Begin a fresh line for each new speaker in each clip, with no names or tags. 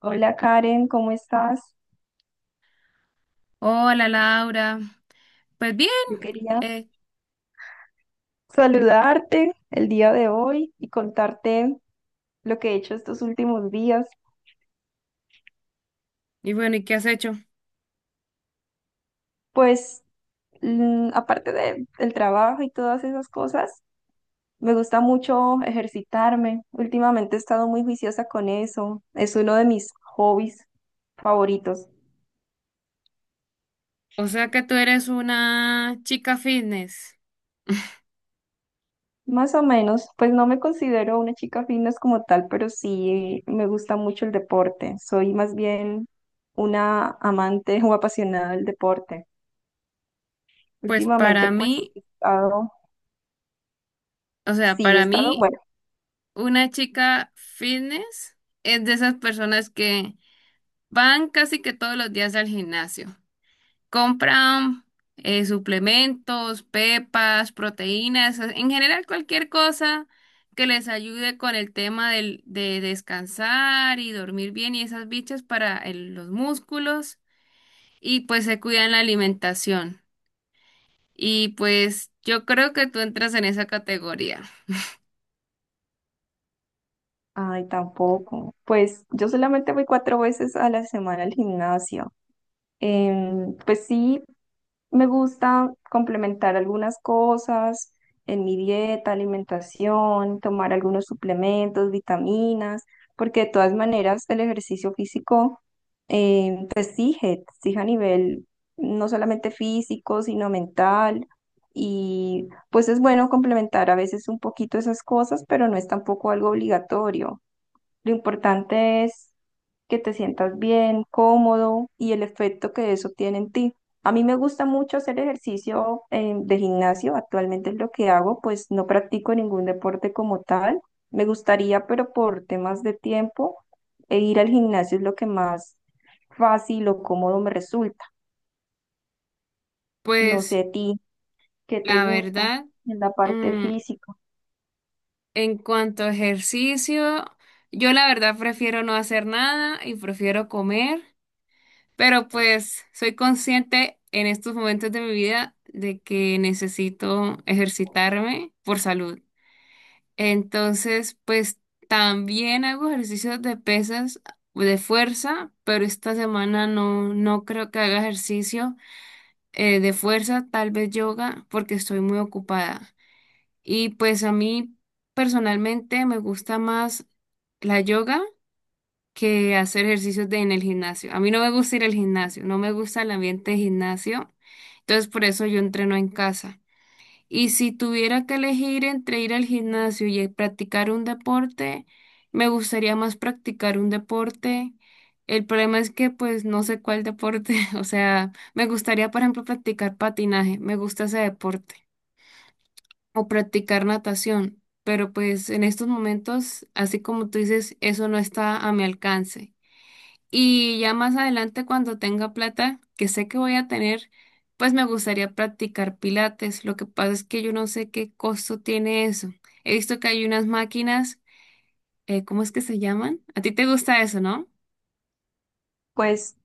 Hola Karen, ¿cómo estás?
Hola Laura, pues bien,
Yo quería
eh,
saludarte el día de hoy y contarte lo que he hecho estos últimos días.
y bueno, ¿y qué has hecho?
Pues aparte del trabajo y todas esas cosas, me gusta mucho ejercitarme. Últimamente he estado muy juiciosa con eso. Es uno de mis hobbies favoritos.
O sea que tú eres una chica fitness.
Más o menos, pues no me considero una chica fitness como tal, pero sí me gusta mucho el deporte. Soy más bien una amante o apasionada del deporte.
Pues
Últimamente,
para
pues,
mí,
he estado,
o sea,
sí, he
para
estado,
mí,
bueno,
una chica fitness es de esas personas que van casi que todos los días al gimnasio. Compran suplementos, pepas, proteínas, en general cualquier cosa que les ayude con el tema de descansar y dormir bien y esas bichas para los músculos y pues se cuidan la alimentación. Y pues yo creo que tú entras en esa categoría.
ay, tampoco. Pues yo solamente voy cuatro veces a la semana al gimnasio. Pues sí, me gusta complementar algunas cosas en mi dieta, alimentación, tomar algunos suplementos, vitaminas, porque de todas maneras el ejercicio físico te exige a nivel no solamente físico, sino mental. Y pues es bueno complementar a veces un poquito esas cosas, pero no es tampoco algo obligatorio. Lo importante es que te sientas bien, cómodo y el efecto que eso tiene en ti. A mí me gusta mucho hacer ejercicio de gimnasio, actualmente es lo que hago, pues no practico ningún deporte como tal. Me gustaría, pero por temas de tiempo, e ir al gimnasio es lo que más fácil o cómodo me resulta. No sé
Pues
a ti, ¿qué te
la
gusta
verdad,
en la parte
mm,
física?
en cuanto a ejercicio, yo la verdad prefiero no hacer nada y prefiero comer. Pero pues soy consciente en estos momentos de mi vida de que necesito ejercitarme por salud. Entonces, pues también hago ejercicios de pesas, de fuerza, pero esta semana no, no creo que haga ejercicio de fuerza, tal vez yoga, porque estoy muy ocupada. Y pues a mí personalmente me gusta más la yoga que hacer ejercicios en el gimnasio. A mí no me gusta ir al gimnasio, no me gusta el ambiente de gimnasio, entonces por eso yo entreno en casa. Y si tuviera que elegir entre ir al gimnasio y practicar un deporte, me gustaría más practicar un deporte. El problema es que pues no sé cuál deporte, o sea, me gustaría por ejemplo practicar patinaje, me gusta ese deporte, o practicar natación, pero pues en estos momentos, así como tú dices, eso no está a mi alcance. Y ya más adelante, cuando tenga plata, que sé que voy a tener, pues me gustaría practicar pilates. Lo que pasa es que yo no sé qué costo tiene eso. He visto que hay unas máquinas, ¿cómo es que se llaman? A ti te gusta eso, ¿no?
Pues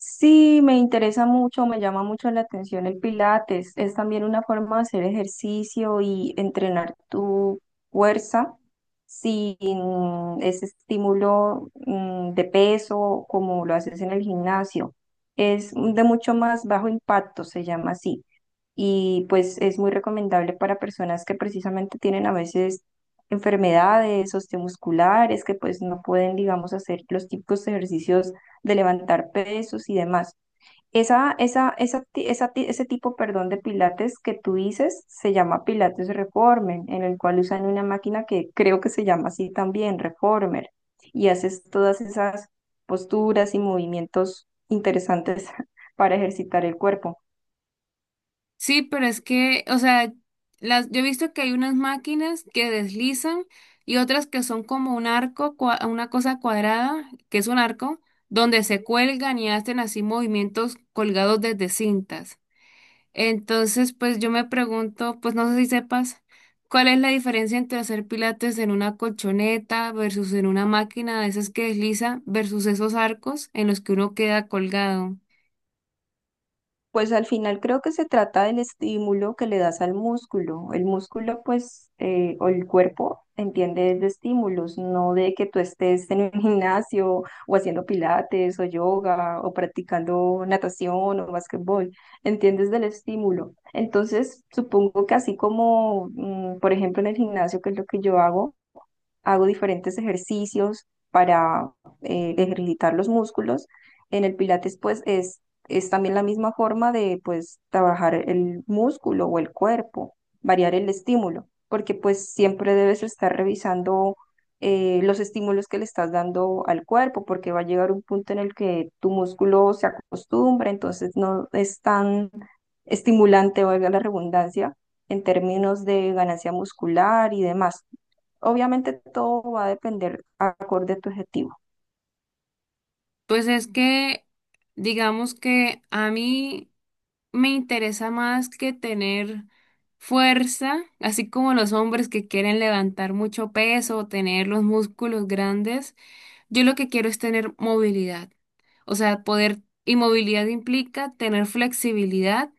sí, me interesa mucho, me llama mucho la atención el Pilates. Es también una forma de hacer ejercicio y entrenar tu fuerza sin ese estímulo de peso como lo haces en el gimnasio. Es de mucho más bajo impacto, se llama así y pues es muy recomendable para personas que precisamente tienen a veces enfermedades osteomusculares, que pues no pueden, digamos, hacer los típicos ejercicios de levantar pesos y demás. Ese tipo, perdón, de pilates que tú dices se llama Pilates Reformer, en el cual usan una máquina que creo que se llama así también, Reformer, y haces todas esas posturas y movimientos interesantes para ejercitar el cuerpo.
Sí, pero es que, o sea, las, yo he visto que hay unas máquinas que deslizan y otras que son como un arco, una cosa cuadrada, que es un arco, donde se cuelgan y hacen así movimientos colgados desde cintas. Entonces, pues yo me pregunto, pues no sé si sepas, ¿cuál es la diferencia entre hacer pilates en una colchoneta versus en una máquina de esas que desliza versus esos arcos en los que uno queda colgado?
Pues al final creo que se trata del estímulo que le das al músculo. El músculo, pues, o el cuerpo entiende es de estímulos, no de que tú estés en un gimnasio o haciendo pilates o yoga o practicando natación o básquetbol. Entiendes del estímulo. Entonces, supongo que así como, por ejemplo, en el gimnasio, que es lo que yo hago, hago diferentes ejercicios para ejercitar los músculos. En el Pilates, pues, es también la misma forma de, pues, trabajar el músculo o el cuerpo, variar el estímulo, porque, pues, siempre debes estar revisando los estímulos que le estás dando al cuerpo, porque va a llegar un punto en el que tu músculo se acostumbra, entonces no es tan estimulante, valga la redundancia, en términos de ganancia muscular y demás. Obviamente todo va a depender acorde a tu objetivo.
Pues es que, digamos que a mí... me interesa más que tener fuerza, así como los hombres que quieren levantar mucho peso o tener los músculos grandes. Yo lo que quiero es tener movilidad. O sea, poder y movilidad implica tener flexibilidad,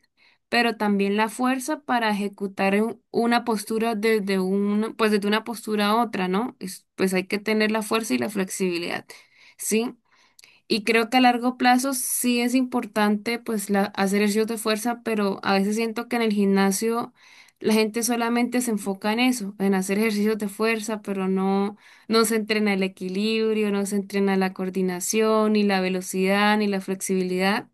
pero también la fuerza para ejecutar una postura desde una, pues desde una postura a otra, ¿no? Es- pues hay que tener la fuerza y la flexibilidad. ¿Sí? Y creo que a largo plazo sí es importante pues la, hacer ejercicios de fuerza, pero a veces siento que en el gimnasio la gente solamente se enfoca en eso, en hacer ejercicios de fuerza, pero no, no se entrena el equilibrio, no se entrena la coordinación, ni la velocidad, ni la flexibilidad.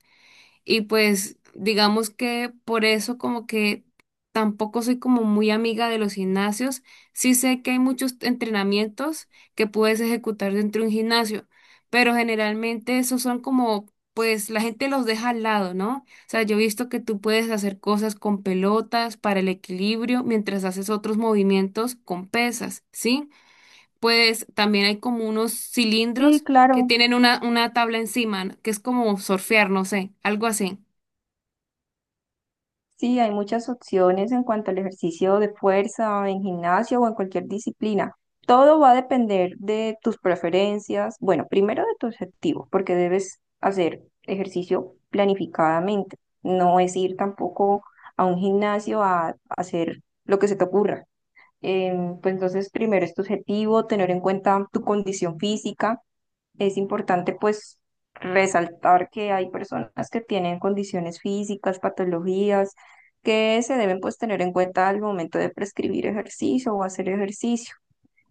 Y pues digamos que por eso como que tampoco soy como muy amiga de los gimnasios. Sí sé que hay muchos entrenamientos que puedes ejecutar dentro de un gimnasio, pero generalmente esos son como, pues la gente los deja al lado, ¿no? O sea, yo he visto que tú puedes hacer cosas con pelotas para el equilibrio mientras haces otros movimientos con pesas, ¿sí? Pues también hay como unos
Sí,
cilindros que
claro.
tienen una tabla encima, que es como surfear, no sé, algo así.
Sí, hay muchas opciones en cuanto al ejercicio de fuerza en gimnasio o en cualquier disciplina. Todo va a depender de tus preferencias. Bueno, primero de tu objetivo, porque debes hacer ejercicio planificadamente. No es ir tampoco a un gimnasio a hacer lo que se te ocurra. Pues entonces, primero es tu objetivo, tener en cuenta tu condición física. Es importante pues resaltar que hay personas que tienen condiciones físicas, patologías, que se deben pues tener en cuenta al momento de prescribir ejercicio o hacer ejercicio.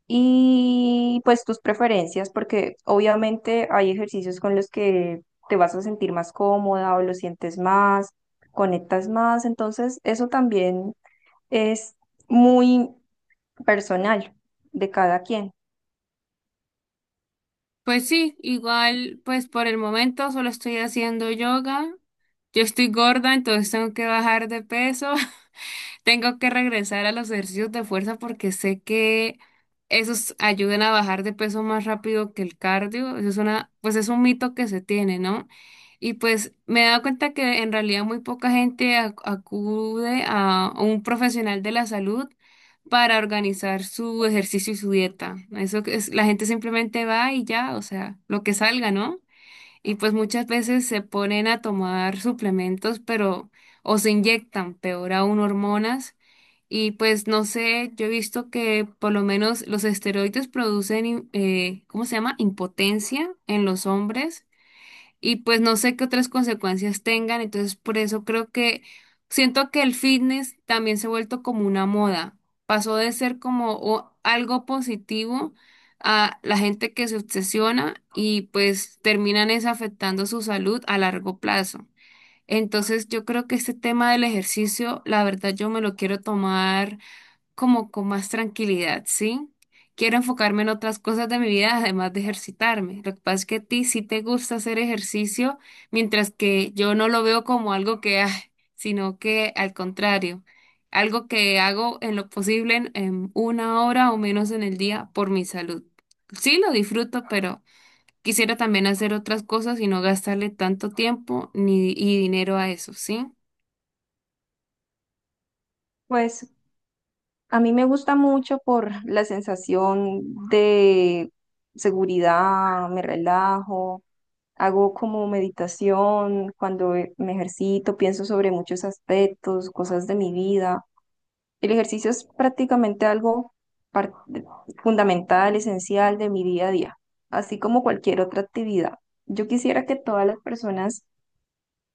Y pues tus preferencias, porque obviamente hay ejercicios con los que te vas a sentir más cómoda o lo sientes más, conectas más, entonces eso también es muy personal de cada quien.
Pues sí, igual, pues por el momento solo estoy haciendo yoga. Yo estoy gorda, entonces tengo que bajar de peso. Tengo que regresar a los ejercicios de fuerza porque sé que esos ayudan a bajar de peso más rápido que el cardio. Eso es una, pues es un mito que se tiene, ¿no? Y pues me he dado cuenta que en realidad muy poca gente acude a un profesional de la salud para organizar su ejercicio y su dieta. Eso que es, la gente simplemente va y ya, o sea, lo que salga, ¿no? Y pues muchas veces se ponen a tomar suplementos, pero o se inyectan, peor aún, hormonas. Y pues no sé, yo he visto que por lo menos los esteroides producen, ¿cómo se llama? Impotencia en los hombres y pues no sé qué otras consecuencias tengan, entonces por eso creo que siento que el fitness también se ha vuelto como una moda, pasó de ser como algo positivo a la gente que se obsesiona y pues terminan es afectando su salud a largo plazo. Entonces yo creo que este tema del ejercicio, la verdad yo me lo quiero tomar como con más tranquilidad, ¿sí? Quiero enfocarme en otras cosas de mi vida, además de ejercitarme. Lo que pasa es que a ti sí te gusta hacer ejercicio, mientras que yo no lo veo como algo que, ah, sino que al contrario, algo que hago en lo posible en una hora o menos en el día por mi salud. Sí, lo disfruto, pero quisiera también hacer otras cosas y no gastarle tanto tiempo ni, y dinero a eso, ¿sí?
Pues a mí me gusta mucho por la sensación de seguridad, me relajo, hago como meditación, cuando me ejercito, pienso sobre muchos aspectos, cosas de mi vida. El ejercicio es prácticamente algo par- fundamental, esencial de mi día a día, así como cualquier otra actividad. Yo quisiera que todas las personas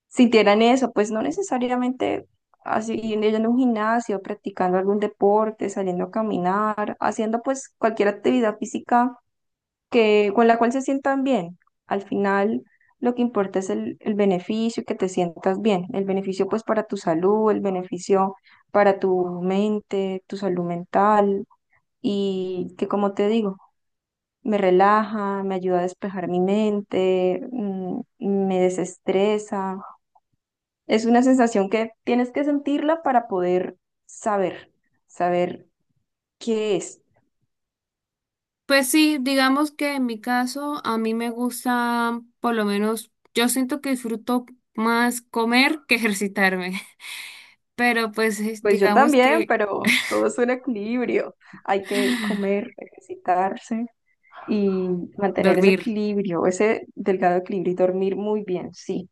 sintieran eso, pues no necesariamente así yendo a un gimnasio, practicando algún deporte, saliendo a caminar, haciendo pues cualquier actividad física que, con la cual se sientan bien. Al final lo que importa es el beneficio, que te sientas bien, el beneficio pues para tu salud, el beneficio para tu mente, tu salud mental y que, como te digo, me relaja, me ayuda a despejar mi mente, me desestresa. Es una sensación que tienes que sentirla para poder saber, saber qué es.
Pues sí, digamos que en mi caso a mí me gusta, por lo menos yo siento que disfruto más comer que ejercitarme, pero pues es-
Pues yo
digamos
también,
que
pero todo es un equilibrio. Hay que comer, ejercitarse y mantener ese
dormir.
equilibrio, ese delgado equilibrio y dormir muy bien, sí.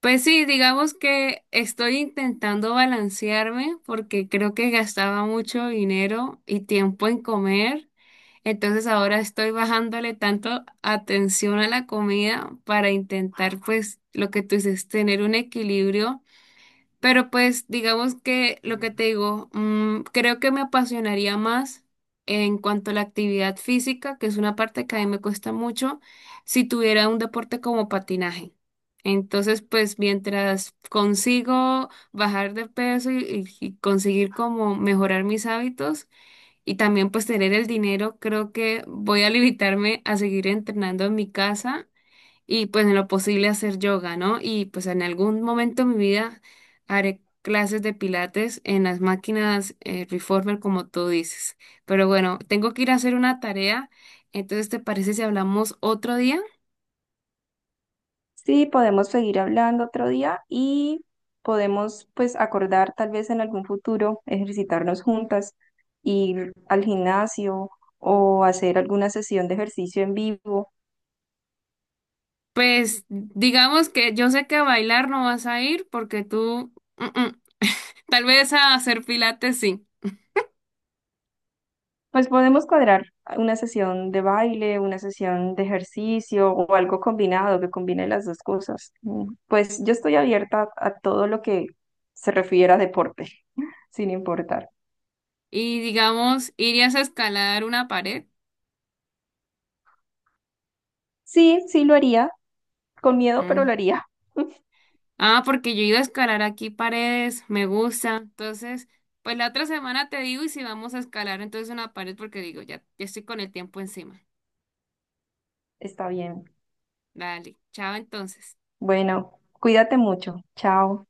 Pues sí, digamos que estoy intentando balancearme porque creo que gastaba mucho dinero y tiempo en comer, entonces ahora estoy bajándole tanto atención a la comida para intentar pues lo que tú dices, tener un equilibrio. Pero pues digamos que lo que te digo, creo que me apasionaría más en cuanto a la actividad física, que es una parte que a mí me cuesta mucho, si tuviera un deporte como patinaje. Entonces, pues mientras consigo bajar de peso y, y conseguir como mejorar mis hábitos y también pues tener el dinero, creo que voy a limitarme a seguir entrenando en mi casa y pues en lo posible hacer yoga, ¿no? Y pues en algún momento de mi vida haré clases de pilates en las máquinas reformer, como tú dices. Pero bueno, tengo que ir a hacer una tarea, entonces ¿te parece si hablamos otro día?
Sí, podemos seguir hablando otro día y podemos pues acordar tal vez en algún futuro ejercitarnos juntas, ir al gimnasio o hacer alguna sesión de ejercicio en vivo.
Pues digamos que yo sé que a bailar no vas a ir porque tú, mm, mm. Tal vez a hacer pilates sí.
Pues podemos cuadrar una sesión de baile, una sesión de ejercicio o algo combinado que combine las dos cosas. Mm, Pues yo estoy abierta a todo lo que se refiera a deporte, sin importar.
Y digamos, ¿irías a escalar una pared?
Sí, sí lo haría, con miedo, pero lo
Mm.
haría.
Ah, porque yo he ido a escalar aquí paredes, me gusta. Entonces, pues la otra semana te digo y si vamos a escalar entonces una pared porque digo, ya, ya estoy con el tiempo encima.
Está bien.
Dale, chao entonces.
Bueno, cuídate mucho. Chao.